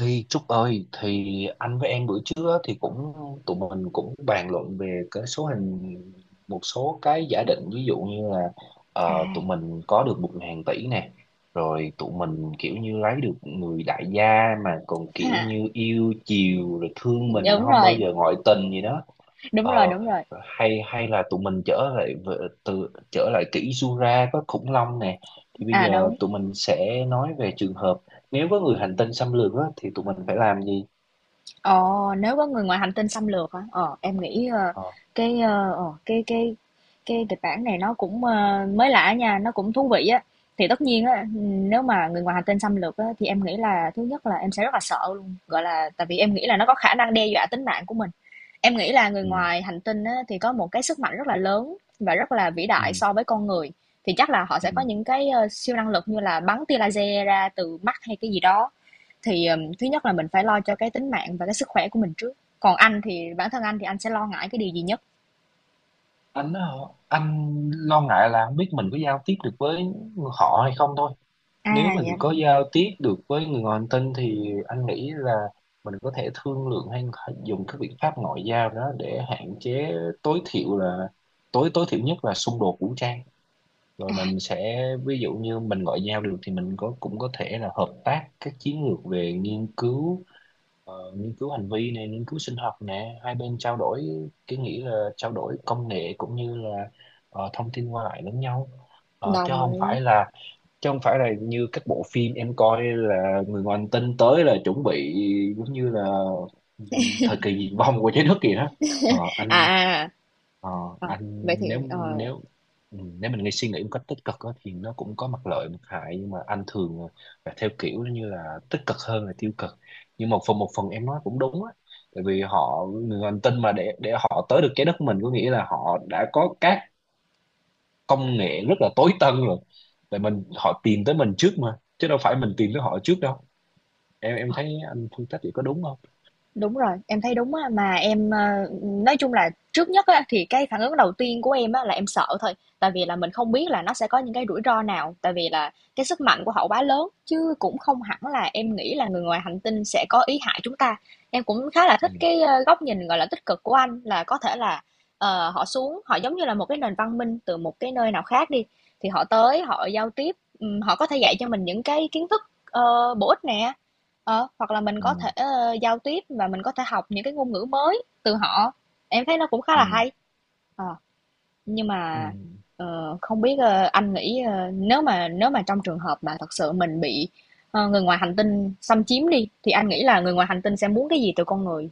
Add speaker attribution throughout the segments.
Speaker 1: Thì Trúc ơi, thì anh với em bữa trước á, thì cũng tụi mình cũng bàn luận về cái số hình một số cái giả định, ví dụ như là tụi
Speaker 2: À,
Speaker 1: mình có được 1.000 tỷ nè, rồi tụi mình kiểu như lấy được người đại gia mà còn kiểu
Speaker 2: ha,
Speaker 1: như yêu chiều, rồi thương mình
Speaker 2: đúng
Speaker 1: không bao
Speaker 2: rồi,
Speaker 1: giờ ngoại tình gì đó. Ờ,
Speaker 2: đúng rồi.
Speaker 1: hay hay là tụi mình trở lại về- từ trở lại kỷ Jura có khủng long nè, thì bây
Speaker 2: À,
Speaker 1: giờ
Speaker 2: đúng.
Speaker 1: tụi mình sẽ nói về trường hợp nếu có người hành tinh xâm lược á, thì tụi mình phải làm gì.
Speaker 2: Ồ, nếu có người ngoài hành tinh xâm lược hả? Ờ, em nghĩ
Speaker 1: Ờ,
Speaker 2: cái ờ, ờ, cái kịch bản này nó cũng mới lạ nha, nó cũng thú vị á. Thì tất nhiên á, nếu mà người ngoài hành tinh xâm lược á, thì em nghĩ là thứ nhất là em sẽ rất là sợ luôn. Gọi là tại vì em nghĩ là nó có khả năng đe dọa tính mạng của mình. Em nghĩ là người
Speaker 1: ừ,
Speaker 2: ngoài hành tinh á, thì có một cái sức mạnh rất là lớn và rất là vĩ
Speaker 1: ừ,
Speaker 2: đại so với con người. Thì chắc là họ
Speaker 1: ừ.
Speaker 2: sẽ có những cái siêu năng lực như là bắn tia laser ra từ mắt hay cái gì đó. Thì thứ nhất là mình phải lo cho cái tính mạng và cái sức khỏe của mình trước. Còn anh thì bản thân anh thì anh sẽ lo ngại cái điều gì nhất?
Speaker 1: anh á, anh lo ngại là không biết mình có giao tiếp được với họ hay không thôi. Nếu
Speaker 2: À
Speaker 1: mình
Speaker 2: dạ.
Speaker 1: có giao tiếp được với người ngoài hành tinh thì anh nghĩ là mình có thể thương lượng hay dùng các biện pháp ngoại giao đó để hạn chế tối thiểu là tối tối thiểu nhất là xung đột vũ trang. Rồi
Speaker 2: À,
Speaker 1: mình sẽ, ví dụ như mình ngoại giao được thì mình có cũng có thể là hợp tác các chiến lược về nghiên cứu, nghiên cứu hành vi này, nghiên cứu sinh học nè, hai bên trao đổi, cái nghĩa là trao đổi công nghệ cũng như là thông tin qua lại lẫn nhau. Ờ, chứ
Speaker 2: đồng
Speaker 1: không
Speaker 2: ý.
Speaker 1: phải là chứ không phải là như các bộ phim em coi là người ngoài hành tinh tới là chuẩn bị giống như là, ừ, thời kỳ diệt vong của trái đất kìa đó. Ờ,
Speaker 2: À,
Speaker 1: anh
Speaker 2: à, à.
Speaker 1: Ờ,
Speaker 2: Ờ,
Speaker 1: anh
Speaker 2: vậy thì
Speaker 1: nếu nếu ừ, Nếu mình nghĩ suy nghĩ một cách tích cực á, thì nó cũng có mặt lợi mặt hại, nhưng mà anh thường là theo kiểu như là tích cực hơn là tiêu cực. Nhưng một phần em nói cũng đúng á, tại vì họ người hành tinh mà, để họ tới được trái đất mình có nghĩa là họ đã có các công nghệ rất là tối tân rồi. Tại mình họ tìm tới mình trước mà, chứ đâu phải mình tìm tới họ trước đâu. Em
Speaker 2: ờ,
Speaker 1: thấy anh phân tích vậy có đúng không?
Speaker 2: đúng rồi, em thấy đúng á, mà em, ờ, nói chung là trước nhất á, thì cái phản ứng đầu tiên của em á, là em sợ thôi. Tại vì là mình không biết là nó sẽ có những cái rủi ro nào, tại vì là cái sức mạnh của họ quá lớn, chứ cũng không hẳn là em nghĩ là người ngoài hành tinh sẽ có ý hại chúng ta. Em cũng khá là
Speaker 1: Ừ,
Speaker 2: thích cái, ơ, góc nhìn, gọi là, tích cực của anh, là có thể là, ờ, họ xuống, họ giống như là một cái nền văn minh từ một cái nơi nào khác đi, thì họ tới họ giao tiếp, họ có thể dạy cho mình những cái kiến thức, ờ, bổ ích nè. Ờ, hoặc là mình
Speaker 1: ừ,
Speaker 2: có thể, ơ, giao tiếp và mình có thể học những cái ngôn ngữ mới từ họ, em thấy nó cũng khá là
Speaker 1: ừ,
Speaker 2: hay. Ờ, nhưng
Speaker 1: ừ.
Speaker 2: mà, ờ, không biết, ơ, anh nghĩ, ơ, nếu mà trong trường hợp mà thật sự mình bị, ờ, người ngoài hành tinh xâm chiếm đi, thì anh nghĩ là người ngoài hành tinh sẽ muốn cái gì từ con người?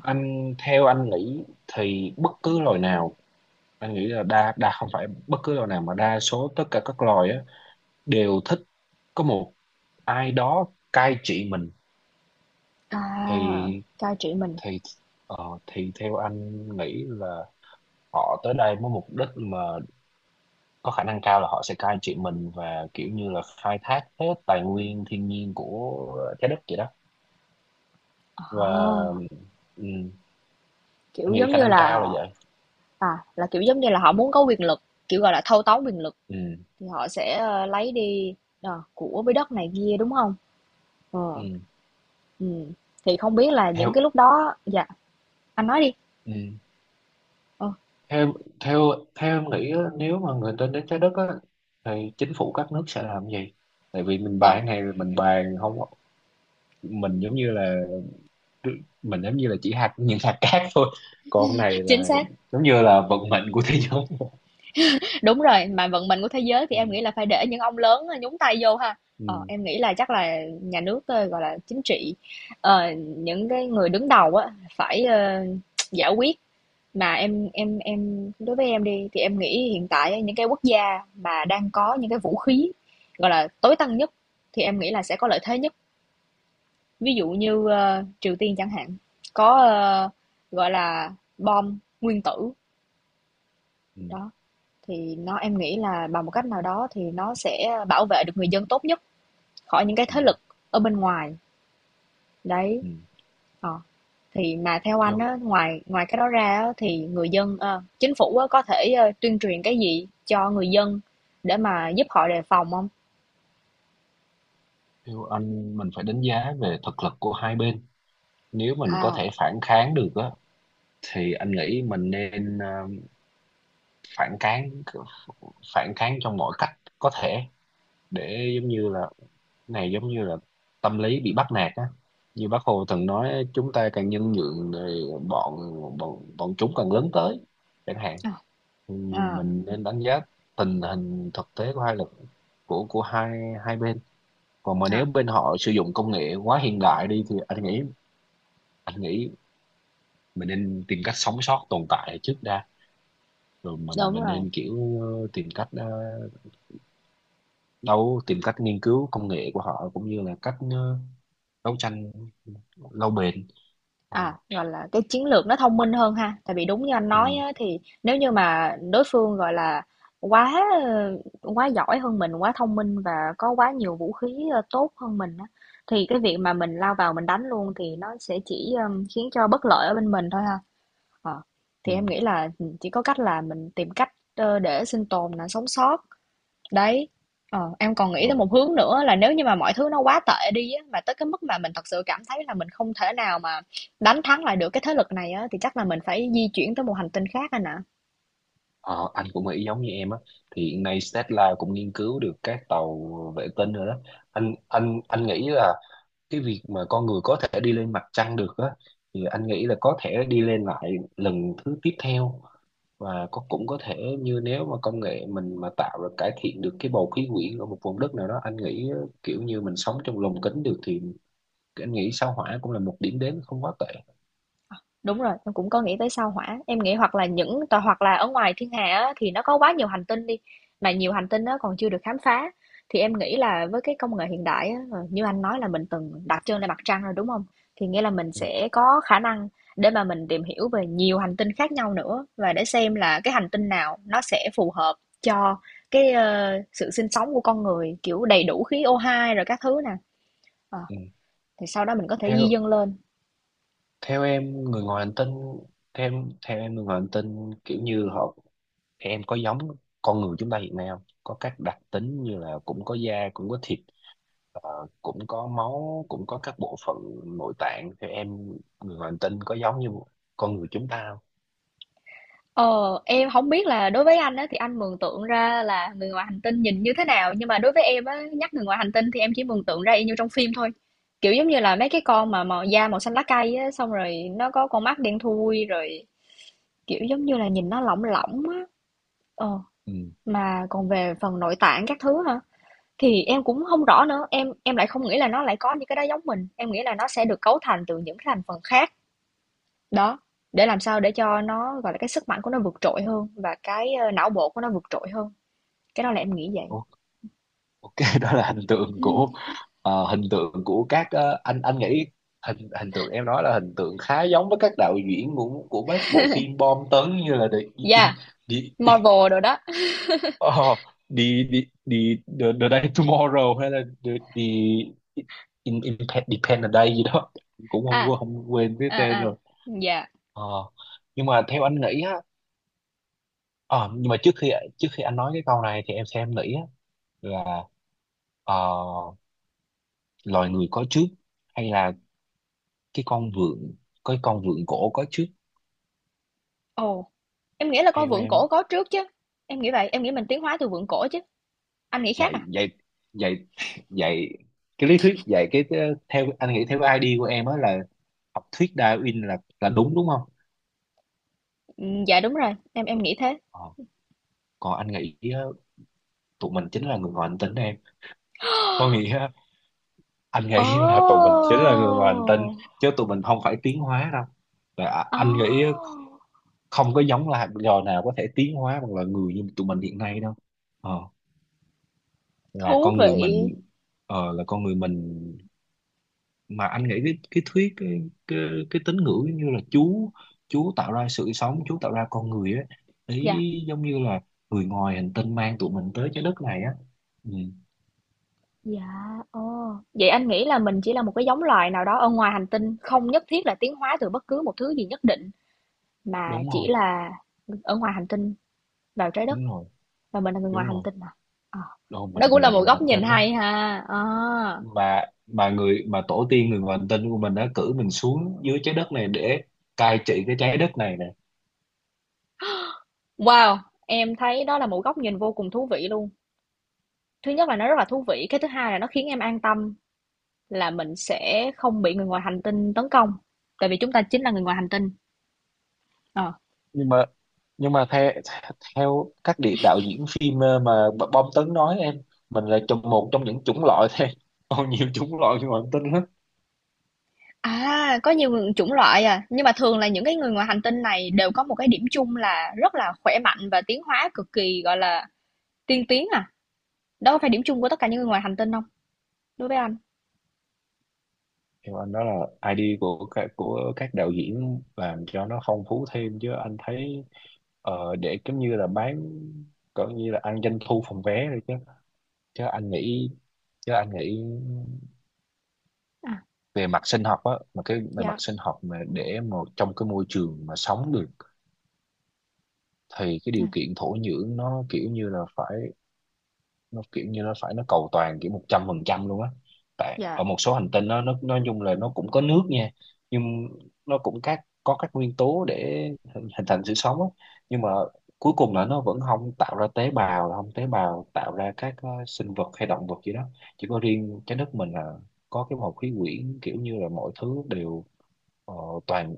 Speaker 1: Theo anh nghĩ thì bất cứ loài nào, anh nghĩ là đa đa không phải bất cứ loài nào mà đa số tất cả các loài á đều thích có một ai đó cai trị mình. thì
Speaker 2: À, cai trị mình.
Speaker 1: thì ờ, thì theo anh nghĩ là họ tới đây với mục đích mà có khả năng cao là họ sẽ cai trị mình và kiểu như là khai thác hết tài nguyên thiên nhiên của trái đất vậy đó. và
Speaker 2: Ờ,
Speaker 1: ừ, anh
Speaker 2: kiểu,
Speaker 1: nghĩ
Speaker 2: giống
Speaker 1: khả
Speaker 2: như
Speaker 1: năng cao là
Speaker 2: là
Speaker 1: vậy.
Speaker 2: à, là, kiểu, giống như là họ muốn có quyền lực, kiểu, gọi là, thâu tóm quyền lực,
Speaker 1: Ừ,
Speaker 2: thì họ sẽ, ơ, lấy đi, ờ, của với đất này kia, đúng không?
Speaker 1: ừ.
Speaker 2: Ờ. Ừm, thì không biết là những cái
Speaker 1: theo
Speaker 2: lúc đó dạ, anh nói đi.
Speaker 1: ừ.
Speaker 2: Ờ.
Speaker 1: theo theo Theo em nghĩ á, nếu mà người ta đến trái đất á thì chính phủ các nước sẽ làm gì? Tại vì mình
Speaker 2: Ờ,
Speaker 1: bàn này mình bàn không, mình giống như là, mình giống như là chỉ hạt, những hạt cát thôi, còn này
Speaker 2: chính
Speaker 1: là
Speaker 2: xác,
Speaker 1: giống như là vận mệnh của thế giới.
Speaker 2: đúng rồi, mà vận mệnh của thế giới thì
Speaker 1: Ừ,
Speaker 2: em nghĩ là phải để những ông lớn ờ, nhúng tay vô ha. Ờ,
Speaker 1: ừ,
Speaker 2: em nghĩ là chắc là nhà nước, ơ, gọi là, chính trị, ờ, những cái người đứng đầu á, phải, ơ, giải quyết. Mà em đối với em đi, thì em nghĩ hiện tại á, những cái quốc gia mà đang có những cái vũ khí, gọi là, tối tân nhất, thì em nghĩ là sẽ có lợi thế nhất. Ví dụ như, ơ, Triều Tiên chẳng hạn, có, ơ, gọi là, bom nguyên tử,
Speaker 1: ừ,
Speaker 2: đó, thì nó em nghĩ là bằng một cách nào đó thì nó sẽ bảo vệ được người dân tốt nhất khỏi những cái
Speaker 1: ừ,
Speaker 2: thế lực ở bên ngoài, đấy,
Speaker 1: ừ.
Speaker 2: ờ. Thì mà theo anh
Speaker 1: theo
Speaker 2: á, ngoài ngoài cái đó ra á thì người dân ơ, chính phủ á có thể, ơ, tuyên truyền cái gì cho người dân để mà giúp họ đề phòng không?
Speaker 1: theo anh mình phải đánh giá về thực lực của hai bên. Nếu mình có
Speaker 2: À,
Speaker 1: thể phản kháng được á thì anh nghĩ mình nên phản kháng, phản kháng trong mọi cách có thể, để giống như là, này giống như là tâm lý bị bắt nạt á, như bác Hồ từng nói chúng ta càng nhân nhượng thì bọn bọn bọn chúng càng lớn tới, chẳng hạn.
Speaker 2: à,
Speaker 1: Thì
Speaker 2: à,
Speaker 1: mình nên đánh giá tình hình thực tế của hai lực, của hai hai bên. Còn mà nếu
Speaker 2: à,
Speaker 1: bên họ sử dụng công nghệ quá hiện đại đi thì anh nghĩ mình nên tìm cách sống sót tồn tại trước đã, rồi
Speaker 2: đúng
Speaker 1: mình
Speaker 2: rồi.
Speaker 1: nên kiểu tìm cách, ờ, đâu tìm cách nghiên cứu công nghệ của họ cũng như là cách đấu tranh lâu bền. ờ,
Speaker 2: À, gọi là, cái chiến lược nó thông minh hơn ha. Tại vì đúng như anh
Speaker 1: ừ,
Speaker 2: nói á, thì nếu như mà đối phương, gọi là, quá, ơ, quá giỏi hơn mình, quá thông minh và có quá nhiều vũ khí, ơ, tốt hơn mình á, thì cái việc mà mình lao vào mình đánh luôn thì nó sẽ chỉ, khiến cho bất lợi ở bên mình thôi ha. Ờ,
Speaker 1: ừ,
Speaker 2: thì em nghĩ là, chỉ có cách là mình tìm cách, ơ, để sinh tồn là sống sót. Đấy, ờ, em còn nghĩ tới
Speaker 1: rồi.
Speaker 2: một hướng nữa là nếu như mà mọi thứ nó quá tệ đi á, mà tới cái mức mà mình thật sự cảm thấy là mình không thể nào mà đánh thắng lại được cái thế lực này á, thì chắc là mình phải di chuyển tới một hành tinh khác anh ạ.
Speaker 1: Ờ, anh cũng nghĩ giống như em á, thì hiện nay Tesla cũng nghiên cứu được các tàu vệ tinh rồi đó. Anh nghĩ là cái việc mà con người có thể đi lên mặt trăng được á, thì anh nghĩ là có thể đi lên lại lần thứ tiếp theo. Và có cũng có thể như, nếu mà công nghệ mình mà tạo ra cải thiện được cái bầu khí quyển ở một vùng đất nào đó, anh nghĩ kiểu như mình sống trong lồng kính được, thì anh nghĩ sao Hỏa cũng là một điểm đến không quá tệ.
Speaker 2: Đúng rồi, em cũng có nghĩ tới sao Hỏa. Em nghĩ hoặc là những tòa hoặc là ở ngoài thiên hà á, thì nó có quá nhiều hành tinh đi, mà nhiều hành tinh nó còn chưa được khám phá. Thì em nghĩ là với cái công nghệ hiện đại á, ờ, như anh nói là mình từng đặt chân lên mặt trăng rồi đúng không? Thì nghĩa là mình
Speaker 1: Ừ.
Speaker 2: sẽ có khả năng để mà mình tìm hiểu về nhiều hành tinh khác nhau nữa và để xem là cái hành tinh nào nó sẽ phù hợp cho cái ờ, sự sinh sống của con người kiểu đầy đủ khí O2 rồi các thứ nè. Ờ,
Speaker 1: Ừ.
Speaker 2: thì sau đó mình có thể di
Speaker 1: theo
Speaker 2: dân lên.
Speaker 1: Theo em người ngoài hành tinh, theo em người ngoài hành tinh kiểu như họ, em có giống con người chúng ta hiện nay không, có các đặc tính như là cũng có da, cũng có thịt, cũng có máu, cũng có các bộ phận nội tạng? Theo em, người ngoài hành tinh có giống như con người chúng ta không?
Speaker 2: Ờ, em không biết là đối với anh á, thì anh mường tượng ra là người ngoài hành tinh nhìn như thế nào, nhưng mà đối với em á, nhắc người ngoài hành tinh thì em chỉ mường tượng ra y như trong phim thôi. Kiểu giống như là mấy cái con mà màu da màu xanh lá cây á, xong rồi nó có con mắt đen thui rồi kiểu giống như là nhìn nó lỏng lỏng á. Ờ,
Speaker 1: Ừ.
Speaker 2: mà còn về phần nội tạng các thứ hả? Thì em cũng không rõ nữa, em lại không nghĩ là nó lại có những cái đó giống mình, em nghĩ là nó sẽ được cấu thành từ những cái thành phần khác. Đó, để làm sao để cho nó, gọi là, cái sức mạnh của nó vượt trội hơn và cái, ơ, não bộ của nó vượt trội hơn. Cái đó là em nghĩ vậy.
Speaker 1: Ô- OK, đó là hình tượng của, hình tượng của các, anh nghĩ hình hình tượng em nói là hình tượng khá giống với các đạo diễn của các bộ phim bom tấn như là The,
Speaker 2: Yeah, Marvel đồ đó.
Speaker 1: Ờ, đi đi đi the, day tomorrow hay là the, in, depend the day gì đó, cũng
Speaker 2: À,
Speaker 1: không quên cái
Speaker 2: à,
Speaker 1: tên
Speaker 2: à,
Speaker 1: rồi.
Speaker 2: yeah.
Speaker 1: ờ, nhưng mà theo anh nghĩ á, ờ, nhưng mà trước khi anh nói cái câu này thì em xem em nghĩ á, là ờ, loài người có trước hay là cái con vượn cái con vượn cổ có trước,
Speaker 2: Ồ, oh, em nghĩ là con
Speaker 1: theo
Speaker 2: Vượn
Speaker 1: em á?
Speaker 2: Cổ có trước chứ. Em nghĩ vậy, em nghĩ mình tiến hóa từ Vượn Cổ chứ. Anh nghĩ khác
Speaker 1: Dạy
Speaker 2: à?
Speaker 1: dạy dạy dạy cái lý thuyết dạy cái theo anh nghĩ, theo cái ID của em á là học thuyết Darwin là đúng đúng không?
Speaker 2: Dạ đúng rồi, em nghĩ thế.
Speaker 1: Ờ. Còn anh nghĩ á, tụi mình chính là người ngoài hành tinh, em có nghĩa á, anh
Speaker 2: Ồ!
Speaker 1: nghĩ là tụi mình chính là người ngoài hành tinh,
Speaker 2: Oh.
Speaker 1: chứ tụi mình không phải tiến hóa đâu. Là à,
Speaker 2: Ồ!
Speaker 1: anh nghĩ á,
Speaker 2: Oh.
Speaker 1: không có giống là loài nào có thể tiến hóa bằng là người như tụi mình hiện nay đâu. ờ, là
Speaker 2: Thú
Speaker 1: con người
Speaker 2: vị.
Speaker 1: mình là con người mình. Mà anh nghĩ cái, cái, cái tín ngưỡng giống như là Chúa, Chúa tạo ra sự sống, Chúa tạo ra con người á,
Speaker 2: Dạ,
Speaker 1: ý giống như là người ngoài hành tinh mang tụi mình tới trái đất này á. Ừ,
Speaker 2: dạ, ồ. Vậy anh nghĩ là mình chỉ là một cái giống loài nào đó ở ngoài hành tinh, không nhất thiết là tiến hóa từ bất cứ một thứ gì nhất định. Mà
Speaker 1: đúng
Speaker 2: chỉ
Speaker 1: rồi,
Speaker 2: là ở ngoài hành tinh vào trái đất
Speaker 1: đúng rồi,
Speaker 2: và mình là người ngoài
Speaker 1: đúng
Speaker 2: hành
Speaker 1: rồi.
Speaker 2: tinh à? Ờ,
Speaker 1: Đâu,
Speaker 2: đó cũng
Speaker 1: mình
Speaker 2: là
Speaker 1: là
Speaker 2: một
Speaker 1: người
Speaker 2: góc
Speaker 1: hành
Speaker 2: nhìn
Speaker 1: tinh đó.
Speaker 2: hay ha. Ờ,
Speaker 1: Mà người mà tổ tiên người ngoài hành tinh của mình đã cử mình xuống dưới trái đất này để cai trị cái trái đất này nè.
Speaker 2: wow, em thấy đó là một góc nhìn vô cùng thú vị luôn. Thứ nhất là nó rất là thú vị, cái thứ hai là nó khiến em an tâm là mình sẽ không bị người ngoài hành tinh tấn công, tại vì chúng ta chính là người ngoài hành tinh. Ờ.
Speaker 1: Nhưng mà nhưng mà theo theo các đạo diễn phim mà bom tấn nói, em mình là trong một trong những chủng loại thôi. Còn nhiều chủng loại người ngoài hành tinh lắm.
Speaker 2: À, có nhiều người- chủng loại à, nhưng mà thường là những cái người ngoài hành tinh này đều có một cái điểm chung là rất là khỏe mạnh và tiến hóa cực kỳ gọi là tiên tiến à. Đó có phải điểm chung của tất cả những người ngoài hành tinh không? Đối với anh
Speaker 1: Theo anh đó là ID của các, đạo diễn làm cho nó phong phú thêm, chứ anh thấy để giống như là bán, cỡ như là ăn doanh thu phòng vé rồi chứ. Chứ anh nghĩ chứ anh nghĩ về mặt sinh học á, mà cái về mặt
Speaker 2: dạ.
Speaker 1: sinh học mà để một trong cái môi trường mà sống được, thì cái
Speaker 2: Ừ,
Speaker 1: điều kiện thổ nhưỡng nó kiểu như là phải, nó kiểu như nó phải nó cầu toàn kiểu 100% luôn á. Tại
Speaker 2: dạ
Speaker 1: ở một số hành tinh nó nói chung là nó cũng có nước nha, nhưng nó cũng có các nguyên tố để hình hình thành sự sống á, nhưng mà cuối cùng là nó vẫn không tạo ra tế bào, không tế bào tạo ra các sinh vật hay động vật gì đó. Chỉ có riêng trái đất mình là có cái bầu khí quyển kiểu như là mọi thứ đều, ờ, toàn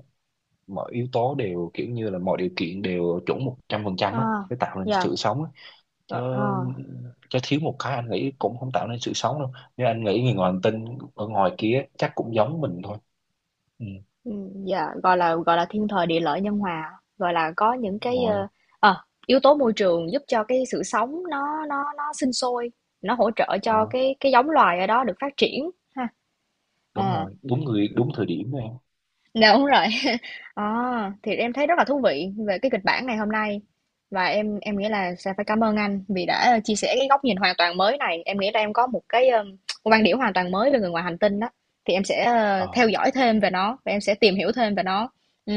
Speaker 1: mọi yếu tố đều kiểu như là mọi điều kiện đều chuẩn 100% á
Speaker 2: à
Speaker 1: để tạo nên
Speaker 2: dạ
Speaker 1: sự sống á. Chứ
Speaker 2: gọi,
Speaker 1: Chứ thiếu một cái anh nghĩ cũng không tạo nên sự sống đâu, nhưng anh nghĩ người ngoài hành tinh ở ngoài kia chắc cũng giống mình thôi. Ừ,
Speaker 2: ừ, dạ gọi là thiên thời địa lợi nhân hòa gọi là có những
Speaker 1: đúng
Speaker 2: cái
Speaker 1: rồi.
Speaker 2: ờ, yếu tố môi trường giúp cho cái sự sống nó sinh sôi, nó hỗ trợ cho
Speaker 1: ờ,
Speaker 2: cái giống loài ở đó được phát triển ha.
Speaker 1: Đúng
Speaker 2: Ờ,
Speaker 1: rồi, đúng người đúng thời điểm này.
Speaker 2: dạ, đúng rồi. À, thì em thấy rất là thú vị về cái kịch bản ngày hôm nay và em nghĩ là sẽ phải cảm ơn anh vì đã chia sẻ cái góc nhìn hoàn toàn mới này. Em nghĩ là em có một cái một quan điểm hoàn toàn mới về người ngoài hành tinh đó. Thì em sẽ ờ, theo
Speaker 1: ờ,
Speaker 2: dõi thêm về nó và em sẽ tìm hiểu thêm về nó. Ừ.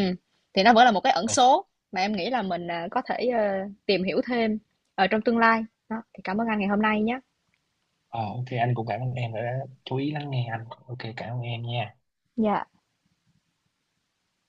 Speaker 2: Thì nó vẫn là một cái ẩn
Speaker 1: ờ,
Speaker 2: số mà em nghĩ là mình ờ, có thể ờ, tìm hiểu thêm ở trong tương lai. Đó, thì cảm ơn anh ngày hôm nay nhé.
Speaker 1: ờ, OK, anh cũng cảm ơn em đã chú ý lắng nghe anh. OK, cảm ơn em nha.
Speaker 2: Dạ.